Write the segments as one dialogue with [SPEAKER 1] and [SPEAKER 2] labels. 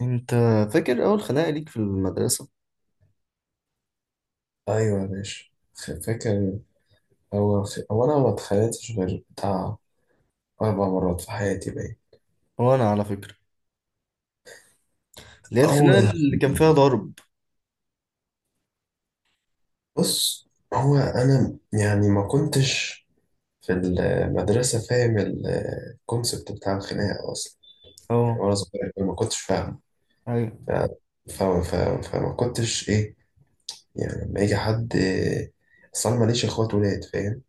[SPEAKER 1] انت فاكر اول خناقه ليك في المدرسه؟
[SPEAKER 2] ايوه يا باشا. فاكر. اول في هو انا ما اتخانقتش غير بتاع اربع مرات في حياتي، باين.
[SPEAKER 1] وانا على فكره، اللي هي الخناقه
[SPEAKER 2] اول،
[SPEAKER 1] اللي كان فيها ضرب.
[SPEAKER 2] بص، هو انا يعني ما كنتش في المدرسه فاهم الكونسبت بتاع الخناقه اصلا. يعني
[SPEAKER 1] اه.
[SPEAKER 2] وانا صغير ما كنتش فاهم.
[SPEAKER 1] ايوه.
[SPEAKER 2] ف... ف... ف... فما كنتش ايه، يعني لما يجي حد. اصل انا ماليش اخوات ولاد، فاهم.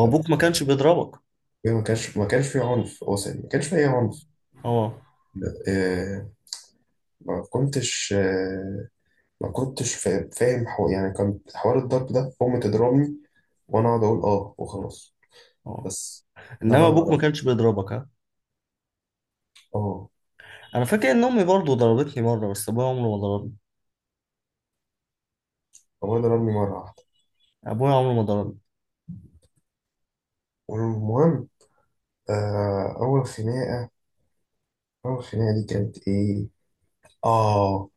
[SPEAKER 2] ف-
[SPEAKER 1] ما كانش بيضربك؟
[SPEAKER 2] ما كانش في عنف اصلا، ما كانش في اي عنف.
[SPEAKER 1] اه،
[SPEAKER 2] آه، ما كنتش ما كنتش فاهم يعني كان حوار الضرب ده أمي تضربني وأنا أقعد أقول آه وخلاص،
[SPEAKER 1] اه.
[SPEAKER 2] بس. ده اللي
[SPEAKER 1] انما
[SPEAKER 2] أنا
[SPEAKER 1] ابوك ما
[SPEAKER 2] أعرفه.
[SPEAKER 1] كانش بيضربك، ها؟
[SPEAKER 2] آه
[SPEAKER 1] انا فاكر ان امي برضه ضربتني مره، بس ابويا عمره ما ضربني.
[SPEAKER 2] أبويا ضربني مرة واحدة.
[SPEAKER 1] ابويا عمره ما ضربني.
[SPEAKER 2] والمهم، آه أول خناقة أول خناقة دي كانت إيه؟ آه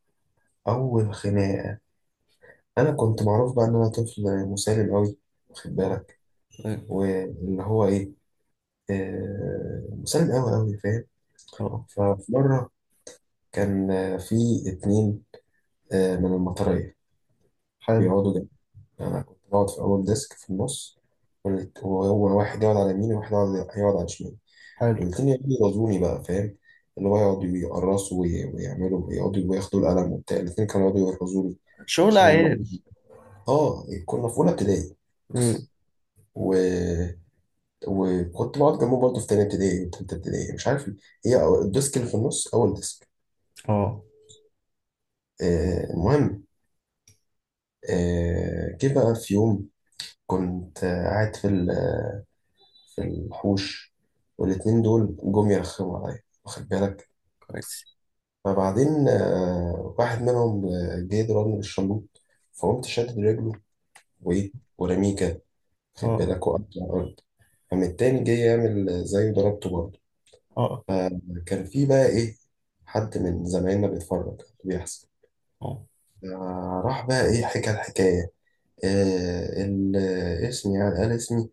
[SPEAKER 2] أول خناقة، أنا كنت معروف بقى إن أنا طفل مسالم أوي، واخد
[SPEAKER 1] اه،
[SPEAKER 2] بالك،
[SPEAKER 1] ايوه،
[SPEAKER 2] واللي هو إيه، مسالم أوي أوي، فاهم.
[SPEAKER 1] اه.
[SPEAKER 2] ففي مرة كان في اتنين من المطرية
[SPEAKER 1] حلو،
[SPEAKER 2] بيقعدوا. يعني أنا كنت بقعد في أول ديسك في النص، وهو واحد يقعد على يميني وواحد يقعد على شمالي،
[SPEAKER 1] حلو.
[SPEAKER 2] والاتنين يقعدوا يرازوني بقى، فاهم. اللي هو يقعدوا يقرصوا ويعملوا ويقعدوا وياخدوا القلم وبتاع، الاتنين كانوا يقعدوا يرازوني
[SPEAKER 1] شغل
[SPEAKER 2] عشان
[SPEAKER 1] عيال.
[SPEAKER 2] هم. اه كنا في أولى ابتدائي
[SPEAKER 1] مم.
[SPEAKER 2] و... وكنت بقعد جنبه برضه في تانية ابتدائي وتالتة ابتدائي، مش عارف ليه. هي الديسك اللي في النص أول ديسك.
[SPEAKER 1] اه،
[SPEAKER 2] المهم، جه بقى في يوم كنت قاعد في في الحوش، والاتنين دول جم يرخموا عليا، واخد بالك.
[SPEAKER 1] كويس.
[SPEAKER 2] فبعدين واحد منهم جه ضربني بالشلوط، فقمت شادد رجله وإيه، ورميه كده، واخد
[SPEAKER 1] اه،
[SPEAKER 2] بالك، وقعت على الأرض. قام التاني جه يعمل زيه، ضربته برضه.
[SPEAKER 1] اه،
[SPEAKER 2] فكان في بقى إيه، حد من زمايلنا بيتفرج على اللي بيحصل.
[SPEAKER 1] اه،
[SPEAKER 2] راح بقى إيه، حكى الحكاية. آه، ال- اسمي، يعني قال اسمي،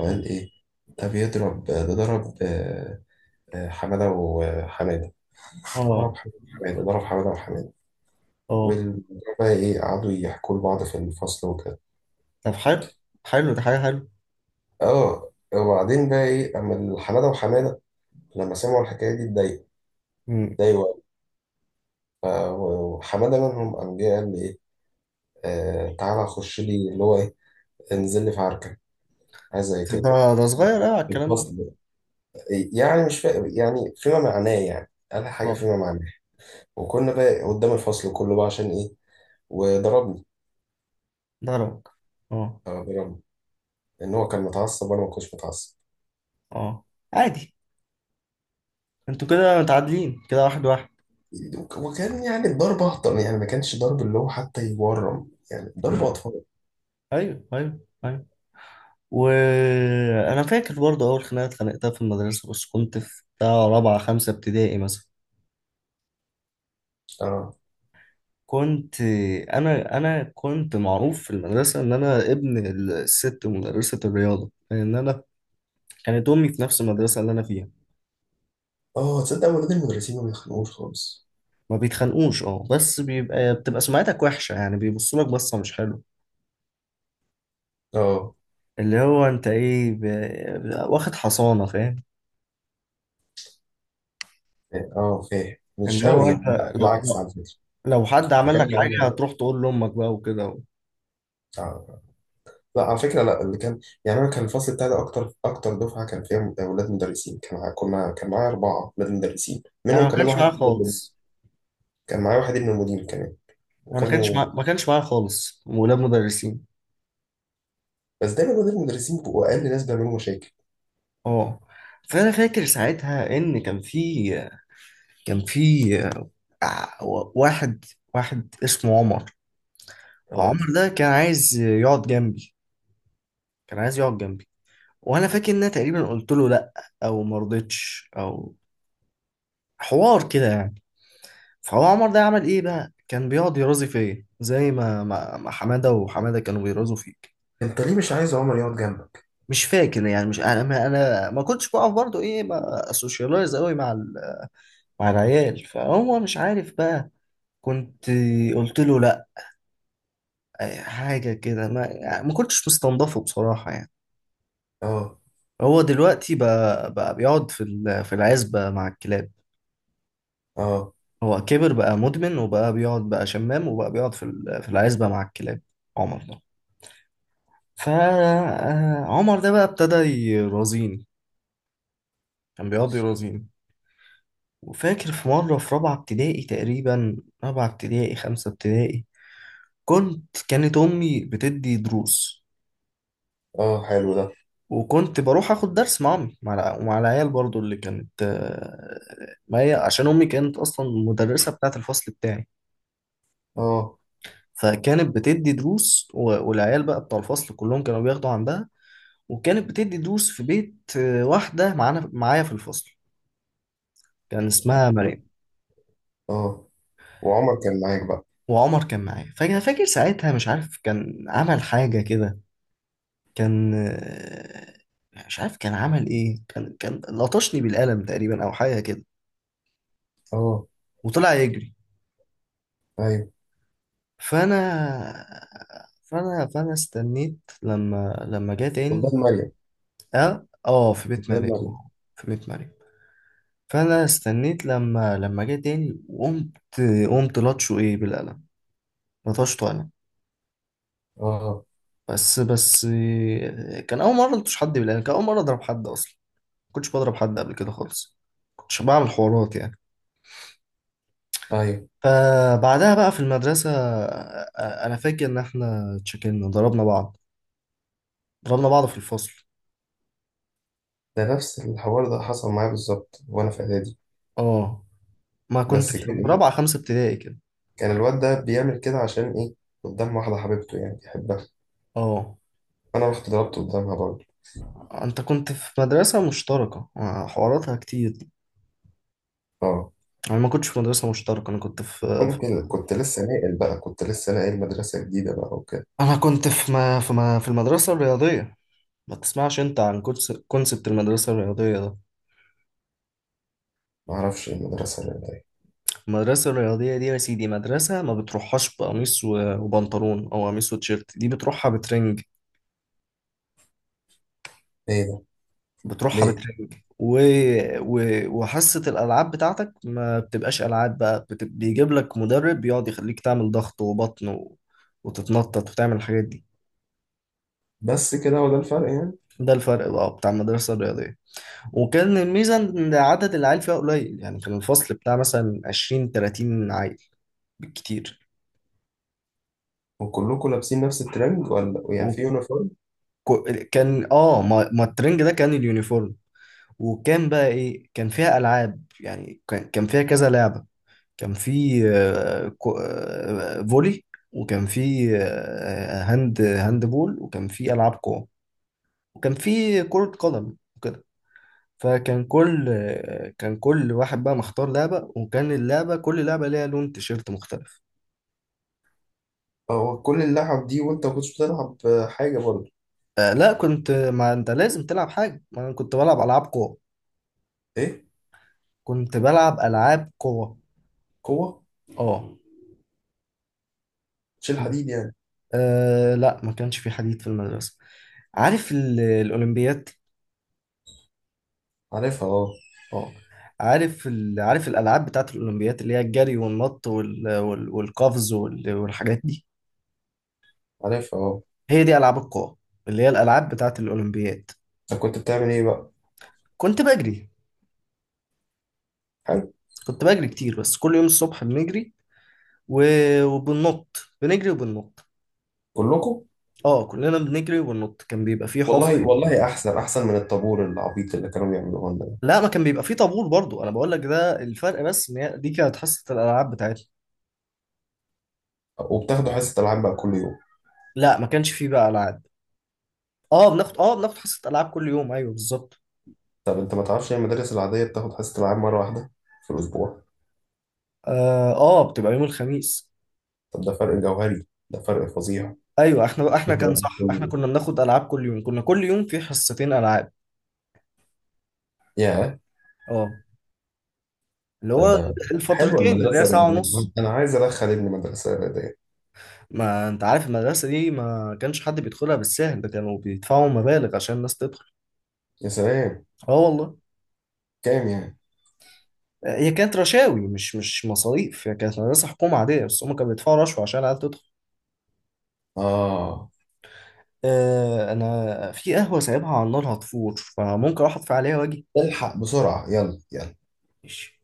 [SPEAKER 2] وقال إيه ده بيضرب ده، ضرب حمادة وحماد، ضرب
[SPEAKER 1] اه،
[SPEAKER 2] حماده ضرب حماده وحماده.
[SPEAKER 1] اه.
[SPEAKER 2] والمدير بقى ايه، قعدوا يحكوا لبعض في الفصل وكده.
[SPEAKER 1] طب حلو. حلو ده حاجه حلوه.
[SPEAKER 2] اه وبعدين بقى ايه، اما حماده وحماده لما سمعوا الحكايه دي اتضايقوا،
[SPEAKER 1] مم.
[SPEAKER 2] اتضايقوا قوي. ف- وحماده منهم قام جه قال لي ايه، تعالى خش لي، اللي هو ايه، انزل لي في عركه، حاجه زي كده،
[SPEAKER 1] ده ده صغير قوي على
[SPEAKER 2] في
[SPEAKER 1] الكلام.
[SPEAKER 2] الفصل. يعني مش فاهم، يعني فيما معناه، يعني قال حاجه
[SPEAKER 1] ده
[SPEAKER 2] فيما معناه. وكنا بقى قدام الفصل كله بقى، عشان ايه، وضربني.
[SPEAKER 1] ضربك؟ اه،
[SPEAKER 2] اه، ضربني، ان هو كان متعصب وانا ما كنتش متعصب.
[SPEAKER 1] اه. عادي. انتوا كده متعادلين، كده واحد واحد.
[SPEAKER 2] وكان يعني الضرب أهطل، يعني ما كانش ضرب اللي هو حتى يورم، يعني
[SPEAKER 1] آه.
[SPEAKER 2] ضرب أطفال.
[SPEAKER 1] ايوه، ايوه، ايوه. وانا فاكر برضه اول خناقه اتخانقتها في المدرسه، بس كنت في بتاع رابعه خمسه ابتدائي مثلا.
[SPEAKER 2] اه،
[SPEAKER 1] كنت انا كنت معروف في المدرسه ان انا ابن الست مدرسه الرياضه، لان كانت امي في نفس المدرسه اللي انا فيها.
[SPEAKER 2] اه، تصدق ولاد المدرسين ما بيخنقوش خالص.
[SPEAKER 1] ما بيتخانقوش، اه، بس بتبقى سمعتك وحشه، يعني بيبصوا لك بصه مش حلوه.
[SPEAKER 2] اه،
[SPEAKER 1] اللي هو انت ايه، واخد حصانه، فاهم؟
[SPEAKER 2] يعني، اه، فاهم مش
[SPEAKER 1] اللي هو
[SPEAKER 2] قوي، يعني
[SPEAKER 1] انت،
[SPEAKER 2] لا،
[SPEAKER 1] لو
[SPEAKER 2] بالعكس،
[SPEAKER 1] لو
[SPEAKER 2] على فكرة
[SPEAKER 1] لو حد عمل لك
[SPEAKER 2] كان
[SPEAKER 1] حاجه
[SPEAKER 2] يعني.
[SPEAKER 1] هتروح تقول لامك بقى وكده.
[SPEAKER 2] آه. لا، على فكرة، لا اللي كان، يعني أنا كان الفصل بتاعي ده أكتر أكتر دفعة كان فيها ولاد مدرسين. كان مع- كنا كان معايا أربعة ولاد مدرسين،
[SPEAKER 1] انا
[SPEAKER 2] منهم
[SPEAKER 1] ما
[SPEAKER 2] كمان
[SPEAKER 1] كانش
[SPEAKER 2] واحد
[SPEAKER 1] معايا
[SPEAKER 2] ابن المدير،
[SPEAKER 1] خالص،
[SPEAKER 2] كان معايا واحد ابن المدير كمان.
[SPEAKER 1] انا ما كانش
[SPEAKER 2] وكانوا
[SPEAKER 1] معايا ما كانش معايا خالص ولاد مدرسين.
[SPEAKER 2] بس دايما ولاد المدرسين بيبقوا أقل ناس بيعملوا مشاكل.
[SPEAKER 1] اه. فانا فاكر ساعتها ان كان في آه، واحد واحد اسمه عمر.
[SPEAKER 2] اه،
[SPEAKER 1] عمر ده كان عايز يقعد جنبي، كان عايز يقعد جنبي. وانا فاكر ان انا تقريبا قلت له لا، او ما رضيتش، او حوار كده يعني. فهو عمر ده عمل ايه بقى، كان بيقعد يرازي فيا زي ما حماده وحماده كانوا بيرازوا فيك.
[SPEAKER 2] أنت ليه مش عايز عمر يقعد جنبك؟
[SPEAKER 1] مش فاكر يعني، مش انا ما كنتش بقف برضو، ايه، ما اسوشيالايز قوي مع مع العيال، فهو مش عارف بقى. كنت قلت له لا، حاجه كده، ما يعني ما كنتش مستنضفه بصراحه يعني.
[SPEAKER 2] اه،
[SPEAKER 1] هو دلوقتي بقى بيقعد في في العزبه مع الكلاب.
[SPEAKER 2] اه،
[SPEAKER 1] هو كبر بقى مدمن، وبقى بيقعد بقى شمام، وبقى بيقعد في في العزبه مع الكلاب. عمر فعمر ده بقى ابتدى يرازيني، كان بيقعد يرازيني. وفاكر في مرة في رابعة ابتدائي تقريبا، رابعة ابتدائي خمسة ابتدائي. كانت أمي بتدي دروس.
[SPEAKER 2] اه، حلو ده.
[SPEAKER 1] وكنت بروح آخد درس مع أمي، مع ومع العيال برضو، اللي كانت ما هي عشان أمي كانت أصلا المدرسة بتاعة الفصل بتاعي.
[SPEAKER 2] اه،
[SPEAKER 1] فكانت بتدي دروس والعيال بقى بتاع الفصل كلهم كانوا بياخدوا عندها. وكانت بتدي دروس في بيت واحدة معايا في الفصل. كان اسمها مريم.
[SPEAKER 2] اه. وعمر كان معاك بقى.
[SPEAKER 1] وعمر كان معايا، فاكر ساعتها، مش عارف كان عمل حاجة كده. كان آه، مش عارف كان عمل ايه، كان لطشني بالقلم تقريبا او حاجة كده.
[SPEAKER 2] اه،
[SPEAKER 1] وطلع يجري.
[SPEAKER 2] ايوه،
[SPEAKER 1] فانا فانا استنيت لما جه تاني.
[SPEAKER 2] قدام مريم،
[SPEAKER 1] اه، اه. في بيت
[SPEAKER 2] قدام
[SPEAKER 1] مريم،
[SPEAKER 2] مريم.
[SPEAKER 1] في بيت مريم. فانا استنيت لما جه تاني وقمت لطشه ايه بالقلم. لطشته انا.
[SPEAKER 2] اه،
[SPEAKER 1] بس كان اول مرة لطش حد بالقلم، كان اول مرة اضرب حد اصلا. كنتش بضرب حد قبل كده خالص، كنتش بعمل حوارات يعني.
[SPEAKER 2] ايوه.
[SPEAKER 1] فبعدها بقى في المدرسة، أنا فاكر إن إحنا اتشكلنا ضربنا بعض، ضربنا بعض في الفصل.
[SPEAKER 2] ده نفس الحوار ده حصل معايا بالظبط وانا في اعدادي.
[SPEAKER 1] اه، ما كنت
[SPEAKER 2] بس
[SPEAKER 1] في
[SPEAKER 2] كان
[SPEAKER 1] رابعة
[SPEAKER 2] ايه،
[SPEAKER 1] خمسة ابتدائي كده.
[SPEAKER 2] كان الواد ده بيعمل كده عشان ايه، قدام واحده حبيبته يعني بيحبها.
[SPEAKER 1] اه.
[SPEAKER 2] انا رحت ضربت قدامها برضه.
[SPEAKER 1] أنت كنت في مدرسة مشتركة، حواراتها كتير؟
[SPEAKER 2] اه،
[SPEAKER 1] أنا ما كنتش في مدرسة مشتركة، أنا كنت في-
[SPEAKER 2] ممكن كنت لسه ناقل مدرسه جديده بقى وكده.
[SPEAKER 1] أنا كنت في المدرسة الرياضية. ما تسمعش أنت عن كونسبت المدرسة الرياضية ده؟
[SPEAKER 2] ما اعرفش إيه المدرسه اللي هي.
[SPEAKER 1] المدرسة الرياضية دي يا سيدي، مدرسة ما بتروحهاش بقميص وبنطلون، أو قميص وتيشيرت. دي بتروحها بترنج.
[SPEAKER 2] ايه ده؟
[SPEAKER 1] بتروحها
[SPEAKER 2] ليه؟
[SPEAKER 1] بترنج و... وحصة الألعاب بتاعتك ما بتبقاش ألعاب بقى، بيجيب لك مدرب بيقعد يخليك تعمل ضغط وبطن وتتنطط وتعمل الحاجات دي.
[SPEAKER 2] بس كده، هو ده الفرق يعني.
[SPEAKER 1] ده الفرق بقى بتاع المدرسة الرياضية. وكان الميزة إن عدد العيال فيها قليل، يعني كان الفصل بتاع مثلا 20 30 عيل بالكتير.
[SPEAKER 2] وكلكم لابسين نفس الترنج، ولا يعني في يونيفورم؟
[SPEAKER 1] وكان ما الترنج ده كان اليونيفورم. وكان بقى ايه كان فيها العاب، يعني كان فيها كذا لعبه. كان في فولي. وكان في هاند بول، وكان في العاب قوه. وكان في كره قدم وكده. فكان كل آه، كان كل واحد بقى مختار لعبه. وكان كل لعبه ليها لون تيشيرت مختلف.
[SPEAKER 2] هو كل اللعب دي وانت ما كنتش بتلعب حاجة برضه؟
[SPEAKER 1] لا، ما انت لازم تلعب حاجه، ما انا كنت بلعب العاب قوه.
[SPEAKER 2] ايه؟
[SPEAKER 1] كنت بلعب العاب قوه.
[SPEAKER 2] قوة؟
[SPEAKER 1] اه.
[SPEAKER 2] تشيل حديد يعني؟
[SPEAKER 1] آه لا، ما كانش في حديد في المدرسة. عارف الأولمبياد؟
[SPEAKER 2] عارفها، اه.
[SPEAKER 1] اه. عارف الألعاب بتاعت الأولمبياد، اللي هي الجري والنط والقفز والحاجات دي.
[SPEAKER 2] عارفها، اه.
[SPEAKER 1] هي دي ألعاب القوى، اللي هي الألعاب بتاعت الأولمبياد.
[SPEAKER 2] انت كنت بتعمل ايه بقى؟
[SPEAKER 1] كنت بجري.
[SPEAKER 2] حلو.
[SPEAKER 1] كنت بجري كتير، بس كل يوم الصبح بنجري و... وبننط. بنجري وبننط.
[SPEAKER 2] كلكم؟
[SPEAKER 1] اه كلنا بنجري وبننط، كان بيبقى فيه حفر.
[SPEAKER 2] والله، والله احسن، احسن من الطابور العبيط اللي كانوا بيعملوه لنا ده.
[SPEAKER 1] لا، ما كان بيبقى فيه طابور برضو، انا بقول لك ده الفرق، بس ان هي دي كانت حصة الالعاب بتاعتنا.
[SPEAKER 2] وبتاخدوا حصة العاب بقى كل يوم؟
[SPEAKER 1] لا ما كانش فيه بقى العاب. اه، بناخد حصة ألعاب كل يوم، ايوه، بالظبط.
[SPEAKER 2] طب انت ما تعرفش ان المدارس العادية بتاخد حصة العاب مرة واحدة في الاسبوع؟
[SPEAKER 1] اه، بتبقى يوم الخميس.
[SPEAKER 2] طب ده فرق جوهري، ده فرق فظيع.
[SPEAKER 1] ايوه احنا كان،
[SPEAKER 2] بتبقى
[SPEAKER 1] صح،
[SPEAKER 2] كل
[SPEAKER 1] احنا
[SPEAKER 2] يوم.
[SPEAKER 1] كنا بناخد ألعاب كل يوم، كنا كل يوم في حصتين ألعاب.
[SPEAKER 2] يا،
[SPEAKER 1] اه، اللي
[SPEAKER 2] ده
[SPEAKER 1] هو
[SPEAKER 2] ده حلوة
[SPEAKER 1] الفترتين، اللي هي
[SPEAKER 2] المدرسة
[SPEAKER 1] ساعة
[SPEAKER 2] الرياضية،
[SPEAKER 1] ونص.
[SPEAKER 2] انا عايز ادخل ابني مدرسة رياضية.
[SPEAKER 1] ما انت عارف المدرسة دي ما كانش حد بيدخلها بالسهل ده، كانوا بيدفعوا مبالغ عشان الناس تدخل.
[SPEAKER 2] يا سلام.
[SPEAKER 1] اه والله.
[SPEAKER 2] كام يعني؟
[SPEAKER 1] هي كانت رشاوي، مش مصاريف. هي كانت مدرسة حكومة عادية، بس هم كانوا بيدفعوا رشوة عشان العيال تدخل.
[SPEAKER 2] اه،
[SPEAKER 1] آه، انا في قهوة سايبها على النار هتفور، فممكن اروح اطفي عليها واجي.
[SPEAKER 2] الحق بسرعة، يلا يلا.
[SPEAKER 1] ماشي.